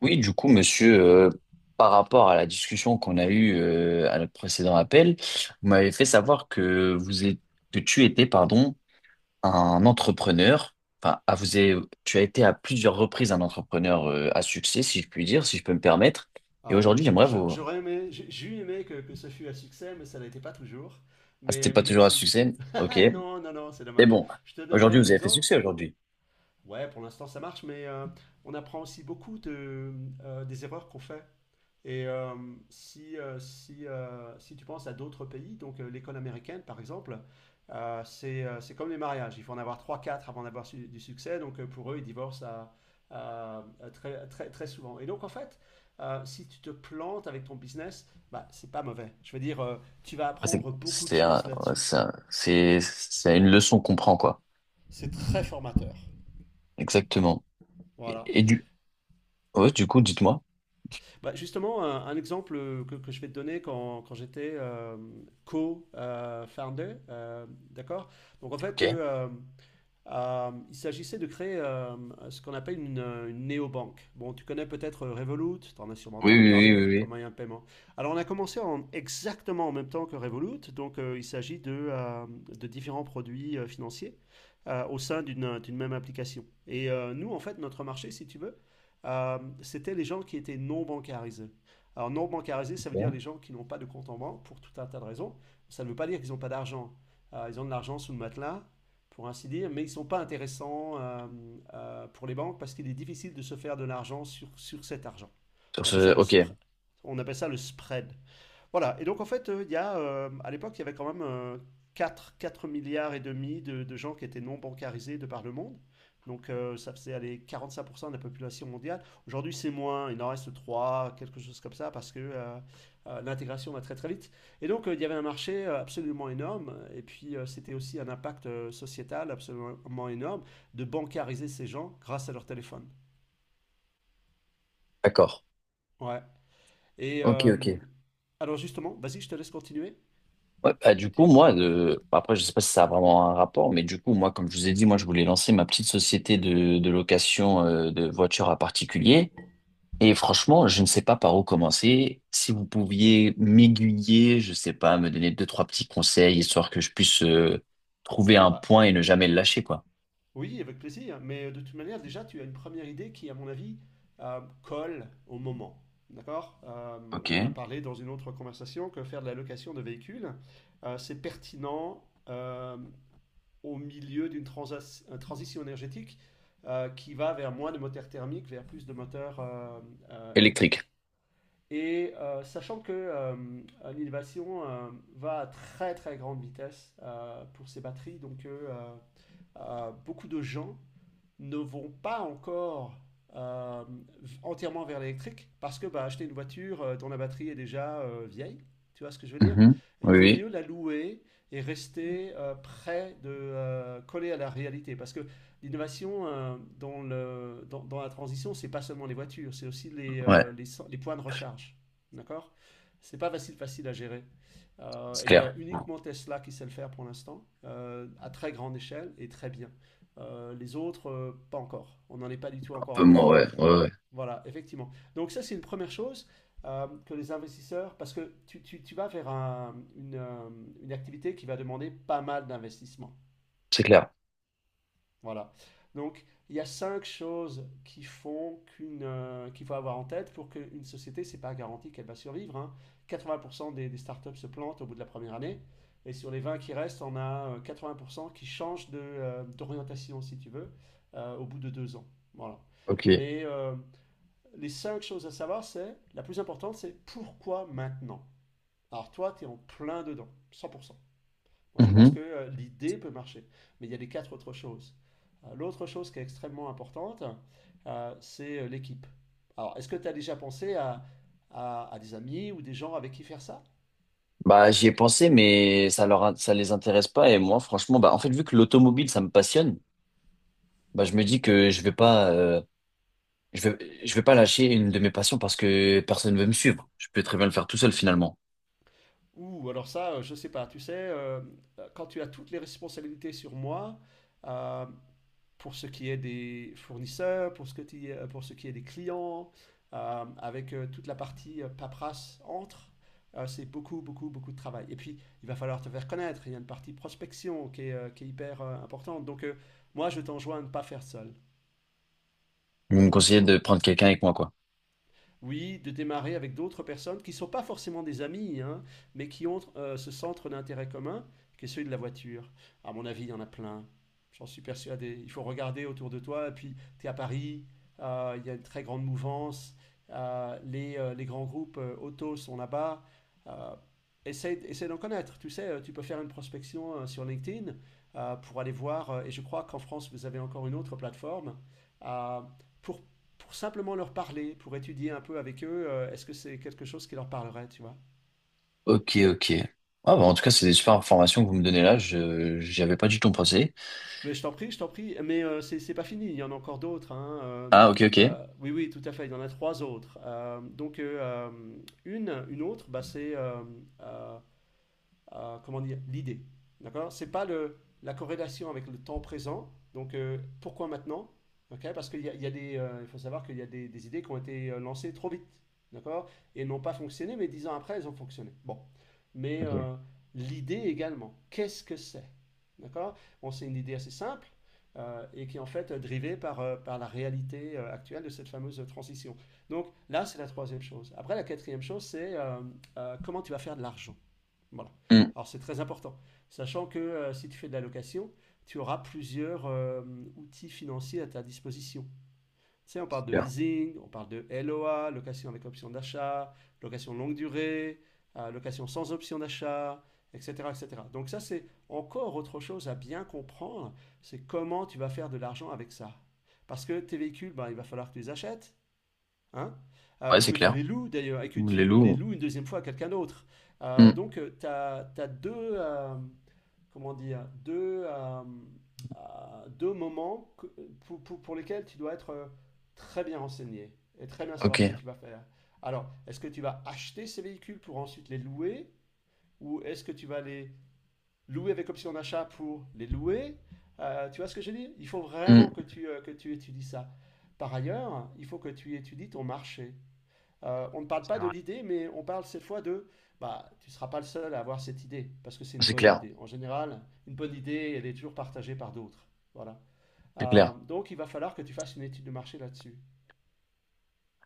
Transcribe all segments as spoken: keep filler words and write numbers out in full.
Oui, du coup, monsieur, euh, par rapport à la discussion qu'on a eue euh, à notre précédent appel, vous m'avez fait savoir que vous êtes, que tu étais, pardon, un entrepreneur. Enfin, à vous avez- tu as été à plusieurs reprises un entrepreneur euh, à succès, si je puis dire, si je peux me permettre. Et Alors, je- aujourd'hui, je- j'aimerais je- vous. j'aurais aimé, j'ai j'ai eu aimé que, que ce fût un succès, mais ça n'a été pas toujours. Ah, c'était Mais, pas mais toujours à merci. succès, ok. Non, non, non, c'est Mais dommage. bon, Je te donnerai aujourd'hui, un vous avez fait exemple. succès aujourd'hui. Ouais, pour l'instant, ça marche, mais euh, on apprend aussi beaucoup de, euh, des erreurs qu'on fait. Et euh, si, euh, si, euh, si tu penses à d'autres pays, donc euh, l'école américaine par exemple, euh, c'est euh, c'est comme les mariages, il faut en avoir trois quatre avant d'avoir su- du succès, donc euh, pour eux ils divorcent à- à- à très, très, très souvent. Et donc en fait, euh, si tu te plantes avec ton business, bah, c'est pas mauvais. Je veux dire, euh, tu vas Ah, C'est apprendre beaucoup de c'est un- choses ouais, c'est là-dessus. un- c'est- c'est une leçon qu'on prend, quoi. C'est très formateur. Exactement. Et, Voilà. et du, ouais, du coup, dites-moi. Bah, justement, un, un exemple euh, que, que je vais te donner quand, quand j'étais euh, co-founder, euh, d'accord? Donc en Ok. fait, eux, euh, euh, il s'agissait de créer euh, ce qu'on appelle une, euh, une néobanque. Bon, tu connais peut-être euh, Revolut, tu en as sûrement Oui, entendu oui, parler oui, oui, comme moyen de paiement. Alors, on a commencé en, exactement en même temps que Revolut, donc euh, il s'agit de, euh, de différents produits euh, financiers euh, au sein d'une d'une même application. Et euh, nous, en fait, notre marché, si tu veux, euh, c'était les gens qui étaient non bancarisés. Alors, non bancarisés, ça veut oui. dire Ok. les gens qui n'ont pas de compte en banque pour tout un tas de raisons. Ça ne veut pas dire qu'ils n'ont pas d'argent. Euh, ils ont de l'argent sous le matelas, pour ainsi dire, mais ils ne sont pas intéressants euh, euh, pour les banques parce qu'il est difficile de se faire de l'argent sur, sur cet argent. Sur On appelle ce, ça le, ok, spr- on appelle ça le spread. Voilà, et donc en fait, euh, il y a, euh, à l'époque, il y avait quand même euh, 4, 4 milliards et demi de, de gens qui étaient non bancarisés de par le monde. Donc euh, ça faisait aller quarante-cinq pour cent de la population mondiale. Aujourd'hui, c'est moins, il en reste trois, quelque chose comme ça, parce que euh, euh, l'intégration va très très vite. Et donc, euh, il y avait un marché euh, absolument énorme, et puis euh, c'était aussi un impact euh, sociétal absolument énorme de bancariser ces gens grâce à leur téléphone. d'accord. Ouais. Et Ok, ok. euh, alors justement, vas-y, je te laisse continuer. Ouais, bah, du coup, Tu- moi, de... bah, après, je sais pas si ça a vraiment un rapport, mais du coup, moi, comme je vous ai dit, moi, je voulais lancer ma petite société de, de location euh, de voitures à particulier. Et franchement, je ne sais pas par où commencer. Si vous pouviez m'aiguiller, je sais pas, me donner deux, trois petits conseils, histoire que je puisse euh, trouver un Ouais. point et ne jamais le lâcher, quoi. Oui, avec plaisir. Mais euh, de toute manière, déjà, tu as une première idée qui, à mon avis, euh, colle au moment. D'accord? Euh, on en a Ok. parlé dans une autre conversation que faire de la location de véhicules, euh, c'est pertinent euh, au milieu d'une transas- euh, transition énergétique euh, qui va vers moins de moteurs thermiques, vers plus de moteurs euh, euh, Électrique. électriques. Et euh, sachant que euh, l'innovation euh, va à très très grande vitesse euh, pour ces batteries, donc euh, euh, beaucoup de gens ne vont pas encore euh, entièrement vers l'électrique parce que bah, acheter une voiture euh, dont la batterie est déjà euh, vieille, tu vois ce que je veux dire? Mhm. Il Oui, vaut oui. mieux la louer et rester euh, près de euh, coller à la réalité parce que l'innovation euh, dans le, dans, dans la transition, c'est pas seulement les voitures, c'est aussi les, Ouais, euh, les, cen- les points de recharge. D'accord? C'est pas facile, facile à gérer. Euh, c'est il y clair. a uniquement Tesla qui sait le faire pour l'instant, euh, à très grande échelle et très bien. Euh, les autres, euh, pas encore. On n'en est pas du tout Un encore peu là. moins, ouais, ouais, ouais. Voilà, effectivement. Donc ça, c'est une première chose euh, que les investisseurs, parce que tu, tu- tu vas vers un- une, euh, une activité qui va demander pas mal d'investissement. C'est clair. Voilà. Donc, il y a cinq choses qui font qu'une, euh, qu'il faut avoir en tête pour qu'une société, c'est pas garanti qu'elle va survivre, hein. quatre-vingts pour cent des, des startups se plantent au bout de la première année. Et sur les vingt qui restent, on a euh, quatre-vingts pour cent qui changent de, euh, d'orientation, si tu veux, euh, au bout de deux ans. Voilà. Ok. Mais euh, les cinq choses à savoir, c'est la plus importante, c'est pourquoi maintenant? Alors toi, tu es en plein dedans, cent pour cent. Moi, je pense Mhm. que euh, l'idée peut marcher. Mais il y a les quatre autres choses. Euh, L'autre chose qui est extrêmement importante, euh, c'est euh, l'équipe. Alors, est-ce que tu as déjà pensé à, à- à des amis ou des gens avec qui faire ça? Bah, j'y ai pensé, mais ça leur, ça les intéresse pas. Et moi, franchement, bah, en fait, vu que l'automobile, ça me passionne, bah, je me dis que je vais pas, euh, je vais, je vais pas lâcher une de mes passions parce que personne veut me suivre. Je peux très bien le faire tout seul, finalement. Ou alors ça, euh, je sais pas. Tu sais, euh, quand tu as toutes les responsabilités sur moi, euh, pour ce qui est des fournisseurs, pour ce, que ti- euh, pour ce qui est des clients, euh, avec euh, toute la partie euh, paperasse entre. Euh, c'est beaucoup, beaucoup, beaucoup de travail. Et puis, il va falloir te faire connaître. Il y a une partie prospection qui est, euh, qui est hyper euh, importante. Donc, euh, moi, je t'enjoins à ne pas faire seul. Vous me conseillez de prendre quelqu'un avec moi, quoi. Oui, de démarrer avec d'autres personnes qui ne sont pas forcément des amis, hein, mais qui ont euh, ce centre d'intérêt commun qui est celui de la voiture. À mon avis, il y en a plein. J'en suis persuadé. Il faut regarder autour de toi. Et puis, tu es à Paris, euh, il y a une très grande mouvance. euh, les, euh, les grands groupes euh, auto sont là-bas. Euh, essaie, essaie d'en connaître. Tu sais, euh, tu peux faire une prospection euh, sur LinkedIn euh, pour aller voir. euh, et je crois qu'en France, vous avez encore une autre plateforme euh, pour pour simplement leur parler, pour étudier un peu avec eux, euh, est-ce que c'est quelque chose qui leur parlerait, tu vois. Ok, ok. Ah, bah, en tout cas, c'est des super informations que vous me donnez là. Je, j'y avais pas du tout pensé. Mais je t'en prie, je t'en prie. Mais euh, c'est c'est pas fini, il y en a encore d'autres, hein. euh, Ah, ok, ok. euh, oui, oui, tout à fait, il y en a trois autres. Euh, donc, euh, euh, une, une autre, bah, c'est euh, euh, euh, comment dire, l'idée. D'accord? C'est pas le, la corrélation avec le temps présent. Donc, euh, pourquoi maintenant? Ok? Parce qu'il y a, il y a des, euh, il faut savoir qu'il y a des, des idées qui ont été euh, lancées trop vite. D'accord? Et n'ont pas fonctionné, mais dix ans après, elles ont fonctionné. Bon. Mais Ok. euh, l'idée également, qu'est-ce que c'est? D'accord? Bon, c'est une idée assez simple euh, et qui est en fait euh, drivée par, euh, par la réalité euh, actuelle de cette fameuse euh, transition. Donc là, c'est la troisième chose. Après, la quatrième chose, c'est euh, euh, comment tu vas faire de l'argent. Voilà. Hmm. Alors c'est très important, sachant que euh, si tu fais de la location, tu auras plusieurs euh, outils financiers à ta disposition. Tu sais, on parle de Super. leasing, on parle de L O A, location avec option d'achat, location longue durée, euh, location sans option d'achat, et cetera, et cetera. Donc ça, c'est encore autre chose à bien comprendre, c'est comment tu vas faire de l'argent avec ça. Parce que tes véhicules, ben, il va falloir que tu les achètes, hein, euh, Ouais, ou c'est que tu clair. les loues d'ailleurs, et que Les tu les loups. loues une deuxième fois à quelqu'un d'autre. Euh, hmm, donc, tu as, deux, euh, comment dire, deux, euh, euh, deux moments que- pour, pour- pour lesquels tu dois être euh, très bien renseigné et très bien savoir ce que ok. tu vas faire. Alors, est-ce que tu vas acheter ces véhicules pour ensuite les louer, ou est-ce que tu vas les louer avec option d'achat pour les louer? Euh, tu vois ce que je dis. Il faut Hmm. vraiment que tu, euh, que tu étudies ça. Par ailleurs, il faut que tu étudies ton marché. Euh, on ne parle C'est pas de vrai. l'idée, mais on parle cette fois de bah, tu ne seras pas le seul à avoir cette idée, parce que c'est une C'est bonne clair. idée. En général, une bonne idée, elle est toujours partagée par d'autres. Voilà. C'est Euh, clair. donc, il va falloir que tu fasses une étude de marché là-dessus.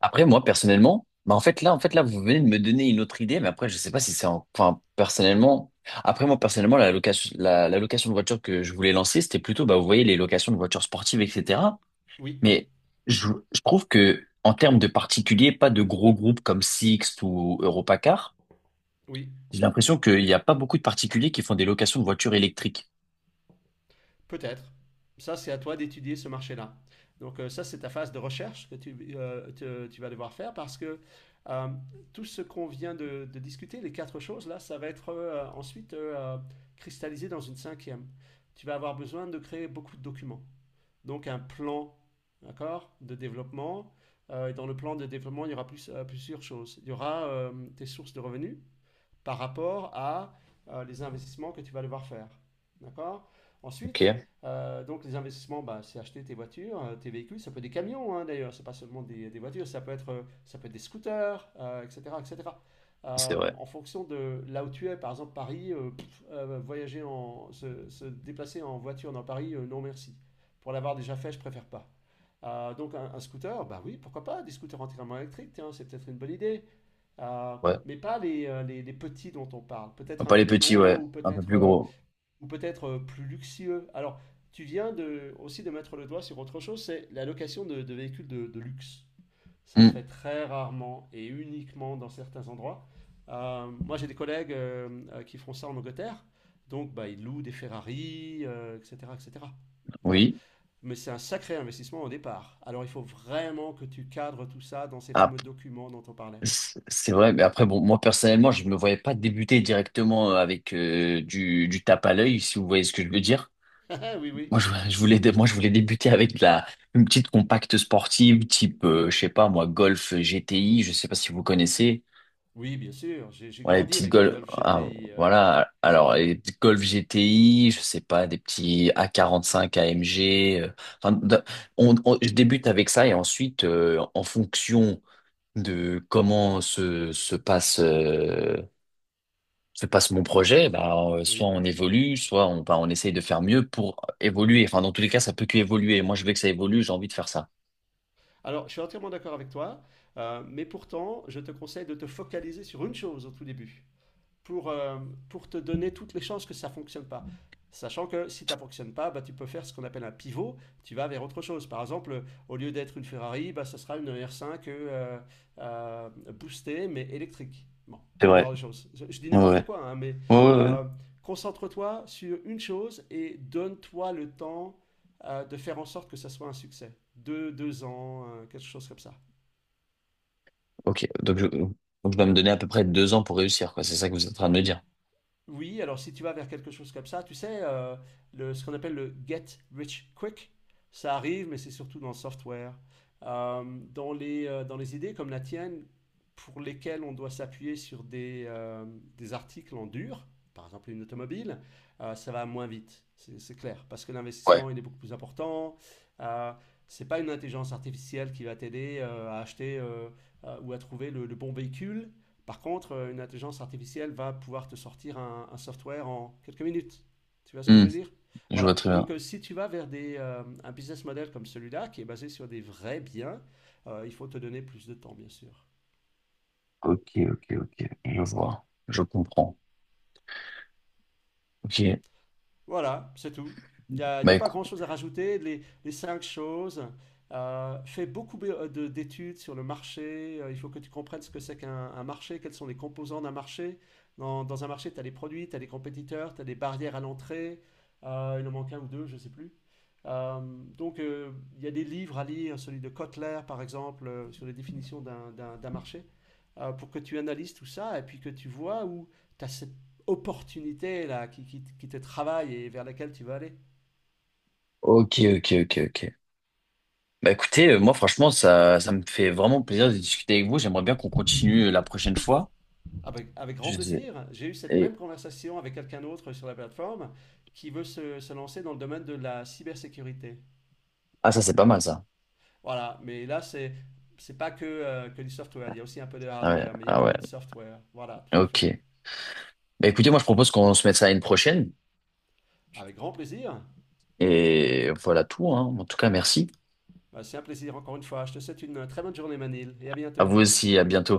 Après, moi, personnellement, bah, en fait, là, en fait, là, vous venez de me donner une autre idée, mais après, je sais pas si c'est en- enfin, personnellement, après, moi, personnellement, la location, la, la location de voiture que je voulais lancer, c'était plutôt, bah, vous voyez, les locations de voitures sportives, et cetera. Oui, Mais je, je trouve que, en termes de particuliers, pas de gros groupes comme Sixt ou Europacar, oui, j'ai l'impression qu'il n'y a pas beaucoup de particuliers qui font des locations de voitures électriques. peut-être. Ça, c'est à toi d'étudier ce marché-là. Donc, euh, ça, c'est ta phase de recherche que tu, euh, te- tu vas devoir faire parce que euh, tout ce qu'on vient de, de discuter, les quatre choses, là, ça va être euh, ensuite euh, euh, cristallisé dans une cinquième. Tu vas avoir besoin de créer beaucoup de documents. Donc un plan d'accord, de développement. Euh, et dans le plan de développement, il y aura plus, euh, plusieurs choses. Il y aura euh, tes sources de revenus, par rapport à euh, les investissements que tu vas devoir faire. D'accord. Ok, Ensuite, euh, donc les investissements, bah, c'est acheter tes voitures, euh, tes véhicules, ça peut être des camions hein, d'ailleurs, c'est pas seulement des, des voitures, ça peut être, euh, ça peut être des scooters, euh, et cétéra, et cétéra. c'est Euh, vrai. En fonction de là où tu es, par exemple Paris, euh, pff, euh, voyager en, se, se déplacer en voiture dans Paris, euh, non merci. Pour l'avoir déjà fait, je préfère pas. Euh, donc un, un scooter, bah oui, pourquoi pas, des scooters entièrement électriques, tiens, c'est peut-être une bonne idée. Euh, Ouais. mais pas les, euh, les, les petits dont on parle. Peut-être un Pas peu les plus petits, ouais. gros ou Un peu peut-être plus euh, gros. ou peut-être euh, plus luxueux. Alors, tu viens de, aussi de mettre le doigt sur autre chose, c'est la location de, de véhicules de, de luxe. Ça se Hmm, fait très rarement et uniquement dans certains endroits. Euh, moi, j'ai des collègues euh, euh, qui font ça en Angleterre. Donc, bah, ils louent des Ferrari, euh, et cétéra, et cétéra. Voilà. oui. Mais c'est un sacré investissement au départ. Alors, il faut vraiment que tu cadres tout ça dans ces fameux documents dont on parlait. C'est c'est vrai, mais après, bon, moi personnellement, je ne me voyais pas débuter directement avec euh, du, du tape à l'œil, si vous voyez ce que je veux dire. Oui, oui. Moi, je, je voulais, dé- moi, je voulais débuter avec de la, une petite compacte sportive, type, euh, je sais pas, moi, Golf G T I, je sais pas si vous connaissez. Oui, bien sûr, j'ai j'ai Voilà, les grandi petites avec la Golf, Golf ah, G T I. euh, voilà, alors, les petites Golf G T I, je sais pas, des petits A quarante-cinq quarante A M G. Euh, enfin, d- on- on- je débute avec ça et ensuite, euh, en fonction de comment se, se passe. euh, se passe mon projet, bah, euh, soit Oui. on évolue, soit on, bah, on essaye de faire mieux pour évoluer. Enfin, dans tous les cas, ça peut qu'évoluer. Moi, je veux que ça évolue, j'ai envie de faire ça. Alors, je suis entièrement d'accord avec toi, euh, mais pourtant, je te conseille de te focaliser sur une chose au tout début. pour, euh, pour te donner toutes les chances que ça ne fonctionne pas. Sachant que si ça ne fonctionne pas, bah, tu peux faire ce qu'on appelle un pivot, tu vas vers autre chose. Par exemple, au lieu d'être une Ferrari, bah, ça sera une R cinq euh, euh, boostée mais électrique. Bon, C'est ce genre vrai. de choses. Je, je dis Ouais, n'importe ouais. quoi, hein, mais Ouais, ouais, ouais. euh, concentre-toi sur une chose et donne-toi le temps euh, de faire en sorte que ça soit un succès. Deux, deux ans, euh, quelque chose comme ça. Ok, donc je, donc je dois me donner à peu près deux ans pour réussir, quoi. C'est ça que vous êtes en train de me dire. Oui, alors si tu vas vers quelque chose comme ça, tu sais, euh, le, ce qu'on appelle le get rich quick, ça arrive, mais c'est surtout dans le software. Euh, Dans les, euh, dans les idées comme la tienne, pour lesquelles on doit s'appuyer sur des, euh, des articles en dur, par exemple une automobile, euh, ça va moins vite, c'est c'est clair, parce que Ouais. l'investissement, il est beaucoup plus important. Euh, c'est pas une intelligence artificielle qui va t'aider euh, à acheter euh, euh, ou à trouver le, le bon véhicule. Par contre, euh, une intelligence artificielle va pouvoir te sortir un, un software en quelques minutes. Tu vois ce que je Hmm, veux dire? je vois Voilà. très bien. Donc, euh, si tu vas vers des, euh, un business model comme celui-là, qui est basé sur des vrais biens, euh, il faut te donner plus de temps, bien sûr. Ok, ok, ok. Je vois. Je comprends. Ok. Voilà, c'est tout. Il n'y a, il y Bah a pas écoute. grand-chose à rajouter. Les, les cinq choses. Euh, fais beaucoup be- de- d'études sur le marché. Euh, il faut que tu comprennes ce que c'est qu'un un marché, quels sont les composants d'un marché. Dans, dans un marché, tu as les produits, tu as les compétiteurs, tu as des barrières à l'entrée. Euh, il en manque un ou deux, je ne sais plus. Euh, donc, euh, il y a des livres à lire, celui de Kotler, par exemple, euh, sur les définitions d'un d'un- d'un marché, euh, pour que tu analyses tout ça et puis que tu vois où tu as opportunité là, qui, qui, qui te travaille et vers laquelle tu vas aller. Ok, ok, ok, ok. Bah écoutez, euh, moi franchement, ça, ça me fait vraiment plaisir de discuter avec vous. J'aimerais bien qu'on continue euh, la prochaine fois. Avec, avec grand Je sais- plaisir. J'ai eu cette même Et... conversation avec quelqu'un d'autre sur la plateforme qui veut se, se lancer dans le domaine de la cybersécurité. Ah ça c'est pas mal ça. Voilà, mais là, c'est c'est pas que, euh, que du software, il y a aussi un peu de Ah ouais, hardware, mais il y a ah ouais, beaucoup de software. Voilà, tout à fait. ok. Bah, écoutez, moi je propose qu'on se mette ça à une prochaine. Avec grand plaisir. Et voilà tout, hein. En tout cas, merci. Bah, c'est un plaisir encore une fois. Je te souhaite une euh, très bonne journée Manil et à À bientôt. vous aussi, à bientôt.